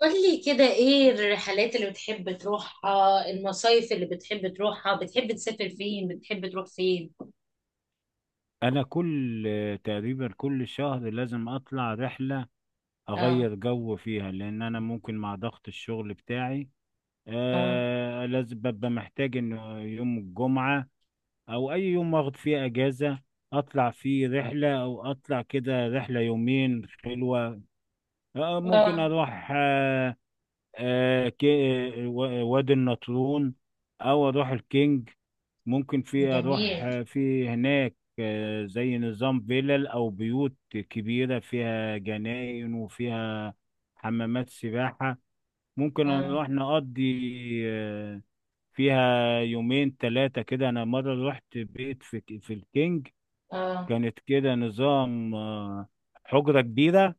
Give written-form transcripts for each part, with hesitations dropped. قولي كده، ايه الرحلات اللي بتحب تروحها؟ المصايف اللي بتحب تروحها؟ بتحب تسافر فين؟ بتحب تروح فين؟ انا تقريبا كل شهر لازم اطلع رحلة، اه. اغير جو فيها لان انا ممكن مع ضغط الشغل بتاعي اه. لازم ببقى محتاج ان يوم الجمعة او اي يوم اخد فيه اجازة اطلع فيه رحلة، او اطلع كده رحلة يومين حلوة. ممكن اه. اروح وادي النطرون او اروح الكينج. ممكن اروح جميل. في هناك زي نظام فيلل او بيوت كبيره فيها جناين وفيها حمامات سباحه، ممكن اه. نروح نقضي آه، فيها يومين ثلاثه كده. انا مره رحت بيت في الكينج، اه. كانت كده نظام حجره كبيره،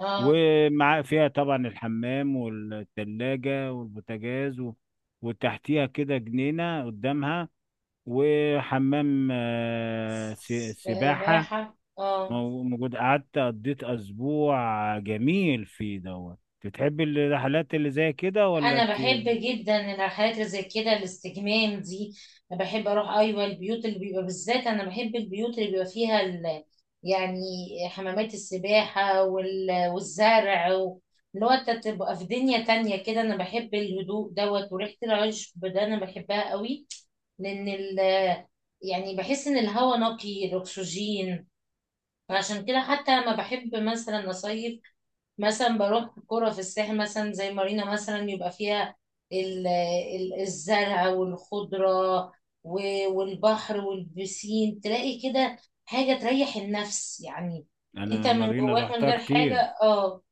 اه. ومع فيها طبعا الحمام والثلاجه والبوتاجاز وتحتيها كده جنينه قدامها، وحمام سباحة سباحة. اه. موجود. قعدت قضيت أسبوع جميل فيه دوت. بتحبي الرحلات اللي زي كده ولا انا انت؟ بحب جدا الرحلات اللي زي كده، الاستجمام دي. انا بحب اروح، ايوه، البيوت اللي بيبقى، بالذات انا بحب البيوت اللي بيبقى فيها يعني حمامات السباحه والزرع اللي هو انت تبقى في دنيا تانية كده، انا بحب الهدوء دوت وريحه العشب ده انا بحبها قوي. لان ال... يعني بحس ان الهواء نقي، الاكسجين. فعشان كده، حتى لما بحب مثلا اصيف، مثلا بروح كرة في الساحل مثلا زي مارينا، مثلا يبقى فيها الزرع والخضرة، والبحر والبسين، تلاقي كده حاجة تريح النفس يعني. انت انا من مارينا جواك من روحتها غير حاجة، كتير. اه،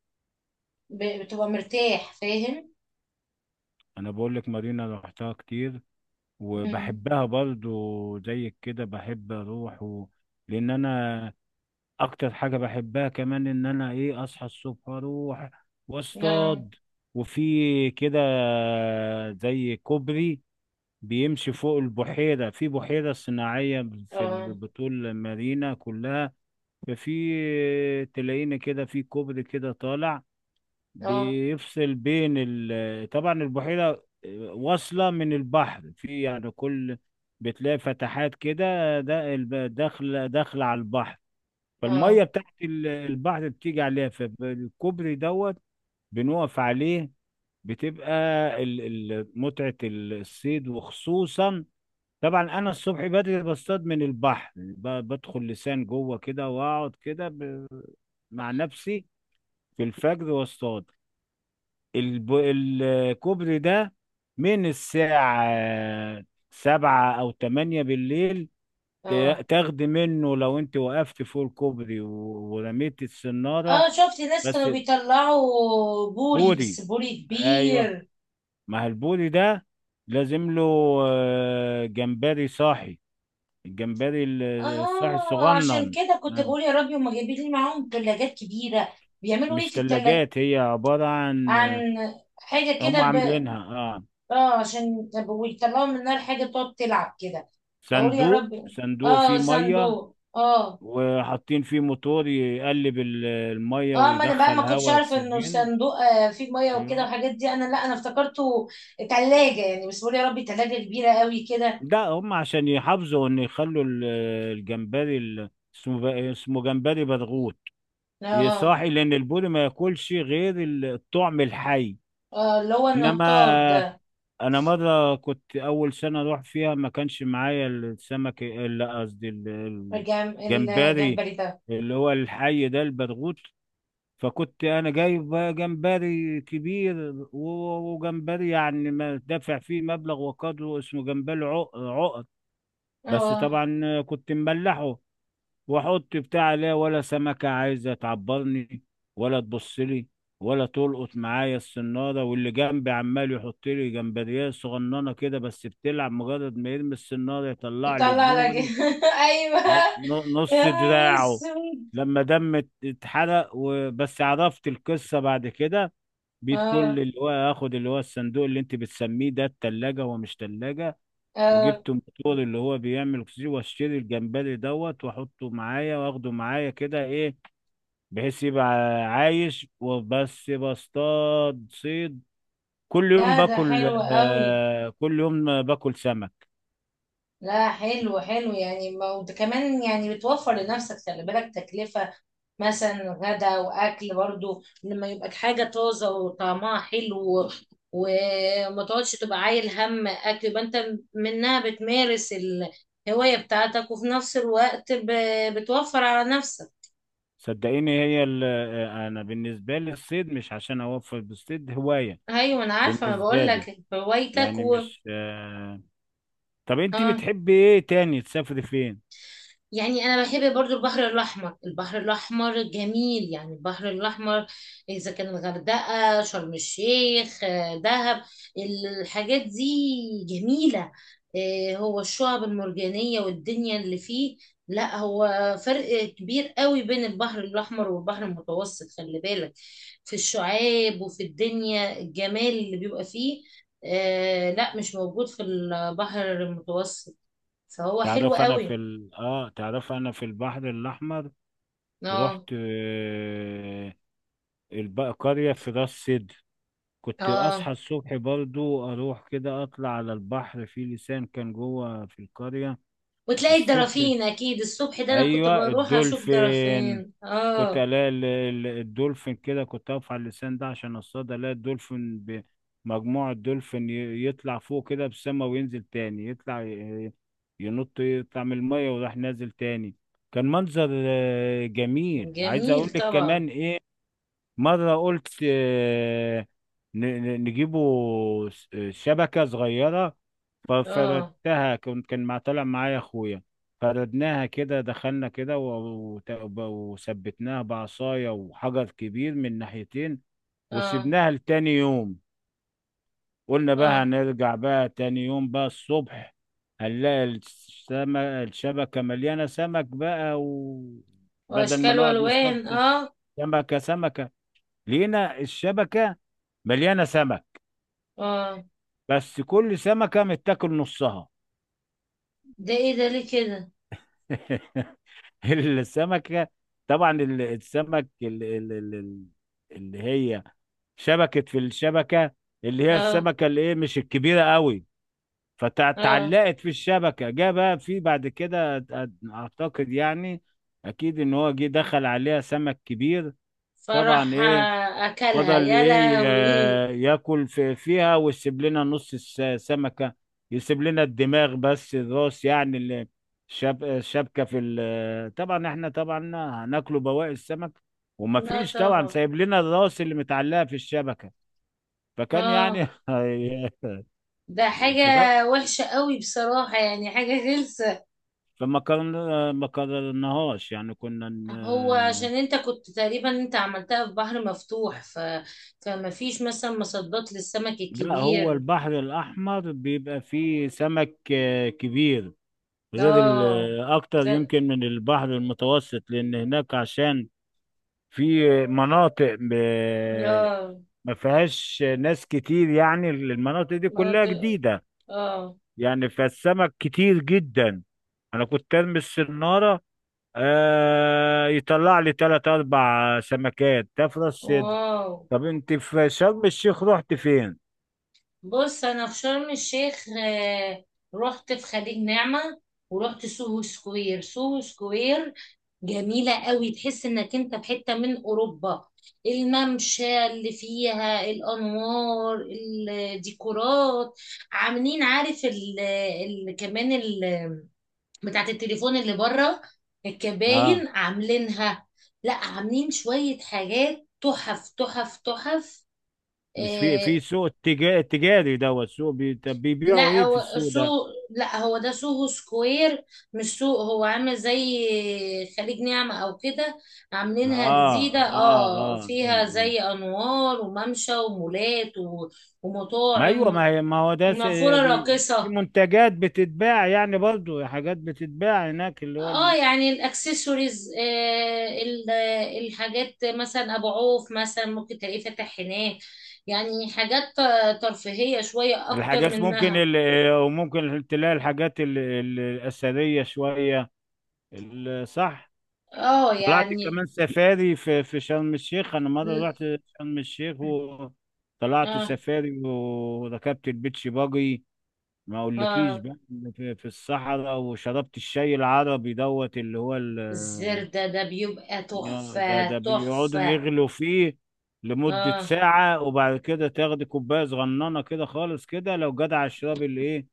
بتبقى مرتاح، فاهم؟ انا بقول لك مارينا روحتها كتير، مم. وبحبها برضو زي كده، بحب اروح لان انا اكتر حاجة بحبها كمان ان انا ايه اصحى الصبح اروح اه. واصطاد، وفي كده زي كوبري بيمشي فوق البحيرة، في بحيرة صناعية اه. بطول المارينا كلها. ففي، تلاقينا كده في كوبري كده طالع اه. بيفصل بين طبعا البحيرة واصلة من البحر، في يعني كل بتلاقي فتحات كده، ده داخلة داخلة على البحر، فالمية اه. بتاعت البحر بتيجي عليها، فالكوبري دوت بنقف عليه، بتبقى ال- متعة الصيد. وخصوصا طبعا انا الصبح بدري بصطاد من البحر، بدخل لسان جوه كده واقعد كده مع نفسي في الفجر واصطاد. الكوبري ده من الساعة 7 أو 8 بالليل، اه. تاخدي منه لو أنت وقفت فوق الكوبري ورميت السنارة. اه. شفت ناس بس كانوا بيطلعوا بوري، بس بوري. بوري أيوه، كبير. ما هو البوري ده لازم له جمبري صاحي، الجمبري الصاحي اه، عشان الصغنن. كده كنت بقول يا ربي، هما جايبين لي معاهم ثلاجات كبيره. بيعملوا ايه مش في الثلاجه؟ تلاجات، هي عبارة عن، عن حاجه كده هم عاملينها اه اه، عشان طب ويطلعوا من النار حاجه تقعد تلعب كده. اقول يا صندوق، ربي. صندوق اه، فيه مية، صندوق، اه. وحاطين فيه موتور يقلب المية اه، ما انا بقى ما ويدخل كنتش هواء اعرف انه أكسجين. صندوق فيه ميه وكده أيوه، والحاجات دي، انا لا انا افتكرته ثلاجه يعني، بس بقول يا ربي ثلاجه كبيره قوي كده. ده هم عشان يحافظوا إن يخلوا الجمبري، اسمه جمبري برغوت اه. يصاحي، لأن البوري ما ياكلش غير الطعم الحي. اه. اللي هو إنما النطاط ده. انا مره كنت اول سنه اروح فيها ما كانش معايا السمك، لا قصدي الجمبري، الجمبري ده. اللي هو الحي ده البرغوث. فكنت انا جايب بقى جمبري كبير وجمبري، يعني ما دافع فيه مبلغ وقدره، اسمه جمبري عقد، بس اه، طبعا كنت مملحه. واحط بتاع، لا ولا سمكة عايزة تعبرني، ولا تبص لي، ولا تلقط معايا الصنارة. واللي جنبي عمال يحط لي جمبريه صغننة كده بس بتلعب، مجرد ما يرمي الصنارة يطلع لي يطلع لك بوري ايوه. ن- يا نص نهار دراعه. اسود! لما دم اتحرق وبس عرفت القصة بعد كده. بيت اه. كل اللي هو اخد، اللي هو الصندوق اللي انت بتسميه ده التلاجة هو مش تلاجة، اه. وجبت موتور اللي هو بيعمل اكسجين، واشتري الجمبري دوت واحطه معايا واخده معايا كده ايه، بحيث يبقى عايش. وبس بصطاد صيد، لا، ده حلو قوي. كل يوم باكل سمك. لا، حلو حلو يعني، وده كمان يعني بتوفر لنفسك، خلي بالك تكلفة مثلا غدا واكل، برضو لما يبقى حاجة طازة وطعمها حلو. وما تقعدش تبقى عايل هم اكل، يبقى انت منها بتمارس الهواية بتاعتك، وفي نفس الوقت بتوفر على نفسك. صدقيني، هي ال- آه، انا بالنسبه لي الصيد مش عشان اوفر، بالصيد هوايه ايوه، انا عارفه، ما بقول بالنسبه لي، لك هوايتك. يعني مش طب انت اه، بتحبي ايه تاني؟ تسافري فين؟ يعني انا بحب برضو البحر الاحمر. البحر الاحمر جميل يعني. البحر الاحمر، اذا كان الغردقه، شرم الشيخ، دهب، الحاجات دي جميله. هو الشعب المرجانيه والدنيا اللي فيه. لا هو فرق كبير قوي بين البحر الاحمر والبحر المتوسط، خلي بالك، في الشعاب وفي الدنيا الجمال اللي بيبقى فيه. لا مش موجود في البحر المتوسط. فهو حلو تعرف انا في قوي. ال... اه تعرف انا في البحر الاحمر رحت اه. قرية في راس سدر، كنت اه. أصحى الصبح برضو أروح كده أطلع على البحر، في لسان كان جوه في القرية وتلاقي الصبح، الدرافين اكيد الصبح، ده انا كنت أيوة، بروح اشوف الدولفين. درافين، كنت اه. ألاقي الدولفين كده، كنت أقف على اللسان ده عشان أصطاد، ألاقي الدولفين مجموعة دولفين يطلع فوق كده بالسما وينزل تاني، يطلع ينط، يطلع من المية وراح نازل تاني. كان منظر جميل. عايز اقول جميل لك طبعا. كمان ايه، مرة قلت نجيبه شبكة صغيرة، اه. ففردتها. كنت كان مع طالع معايا أخويا، فردناها كده، دخلنا كده وثبتناها بعصاية وحجر كبير من ناحيتين، اه. وسبناها لتاني يوم، قلنا بقى اه. هنرجع بقى تاني يوم بقى الصبح هنلاقي السمك، الشبكة مليانة سمك بقى، وبدل ما واشكال نقعد نصطاد والوان. اه. سمكة سمكة، لقينا الشبكة مليانة سمك، اه. بس كل سمكة متاكل نصها. ده ايه ده؟ ليه كده؟ السمكة، طبعا السمك اللي هي شبكت في الشبكة، اللي هي اه. السمكة اللي ايه، مش الكبيرة قوي، اه. فتعلقت في الشبكة، جه بقى في بعد كده اعتقد يعني اكيد ان هو جه دخل عليها سمك كبير. طبعا فرح، ايه، اكلها، فضل يا ايه لهوي! ياكل فيها ويسيب لنا نص السمكة، يسيب لنا الدماغ بس، الراس يعني اللي شاب الشبكة طبعا، احنا طبعا هناكله بواقي السمك، لا ومفيش طبعا طبعا. سايب لنا الراس اللي متعلقة في الشبكة، فكان يعني اه. هي- ده حاجة فده- وحشة قوي بصراحة، يعني حاجة غلسة. فما كان، ما قررناهاش، يعني كنا هو عشان انت كنت تقريبا انت عملتها في بحر مفتوح، فما فيش مثلا مصدات للسمك لا، هو الكبير. البحر الأحمر بيبقى فيه سمك كبير، غير اه. اكتر لا. يمكن من البحر المتوسط، لان هناك عشان في مناطق اه. ما فيهاش ناس كتير، يعني المناطق دي ما ت- كلها جديدة، اه. يعني فالسمك كتير جدا. انا كنت ارمي السنارة، يطلع لي تلات اربع سمكات تفرس صدر. واو. طب انت في شرم الشيخ رحت فين؟ بص، انا في شرم الشيخ، رحت في خليج نعمة. ورحت سوهو سكوير، سوهو سكوير. جميلة قوي، تحس انك انت في حتة من اوروبا. الممشى اللي فيها الانوار، الديكورات، عاملين، عارف، ال كمان ال بتاعت التليفون اللي بره، اه، الكباين عاملينها. لا، عاملين شوية حاجات تحف تحف تحف. مش في آه، سوق تجاري دوت، سوق طب بيبيعوا لا، ايه في هو السوق ده؟ سوق، لا، هو ده سوهو سكوير. مش سوق، هو عامل زي خليج نعمة او كده. عاملينها اه جديدة، اه اه اه، آه، فيها آه. زي انوار وممشى ومولات ما ايوه، ومطاعم ما هي، ما هو ده ونافورة بي- في راقصة. منتجات بتتباع، يعني برضو حاجات بتتباع هناك، اللي هو اه، يعني الاكسسوارز، الحاجات مثلا ابو عوف مثلا، ممكن تلاقيه فاتح هناك. يعني حاجات ترفيهية شوية اكتر الحاجات، ممكن منها. وممكن تلاقي الحاجات الأثرية شوية صح. اه طلعت يعني. كمان سفاري في شرم الشيخ، انا مرة رحت شرم الشيخ وطلعت اه. سفاري وركبت البيتش باجي، ما اقولكيش اه. بقى، في الصحراء، وشربت الشاي العربي دوت اللي هو ال الزردة ده بيبقى يا ده تحفة ده بيقعدوا تحفة. يغلوا فيه لمدة اه، ساعة، وبعد كده تاخدي كوباية صغننة كده خالص كده لو جدع اشربي الايه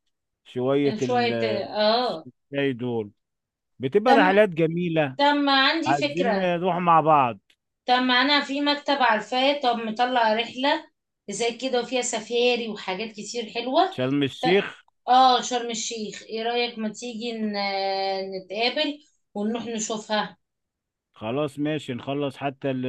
كان شوية شوية، اه. الشاي دول، بتبقى تم. رحلات جميلة. تم، عندي عايزين فكرة. نروح مع بعض، تم، أنا في مكتب عارفاه، طب مطلع رحلة زي كده وفيها سفاري وحاجات كتير حلوة. شرم ت- الشيخ. اه، شرم الشيخ، ايه رأيك، ما تيجي نتقابل ونروح نشوفها. خلاص ماشي نخلص، حتى ال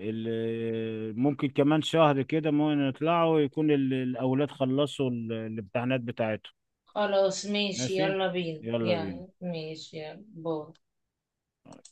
ال ممكن كمان شهر كده ممكن نطلعوا، يكون الأولاد خلصوا الامتحانات بتاعتهم. خلاص، ماشي، ماشي، يلا بينا يلا بينا. يعني، ماشي، يلا باي.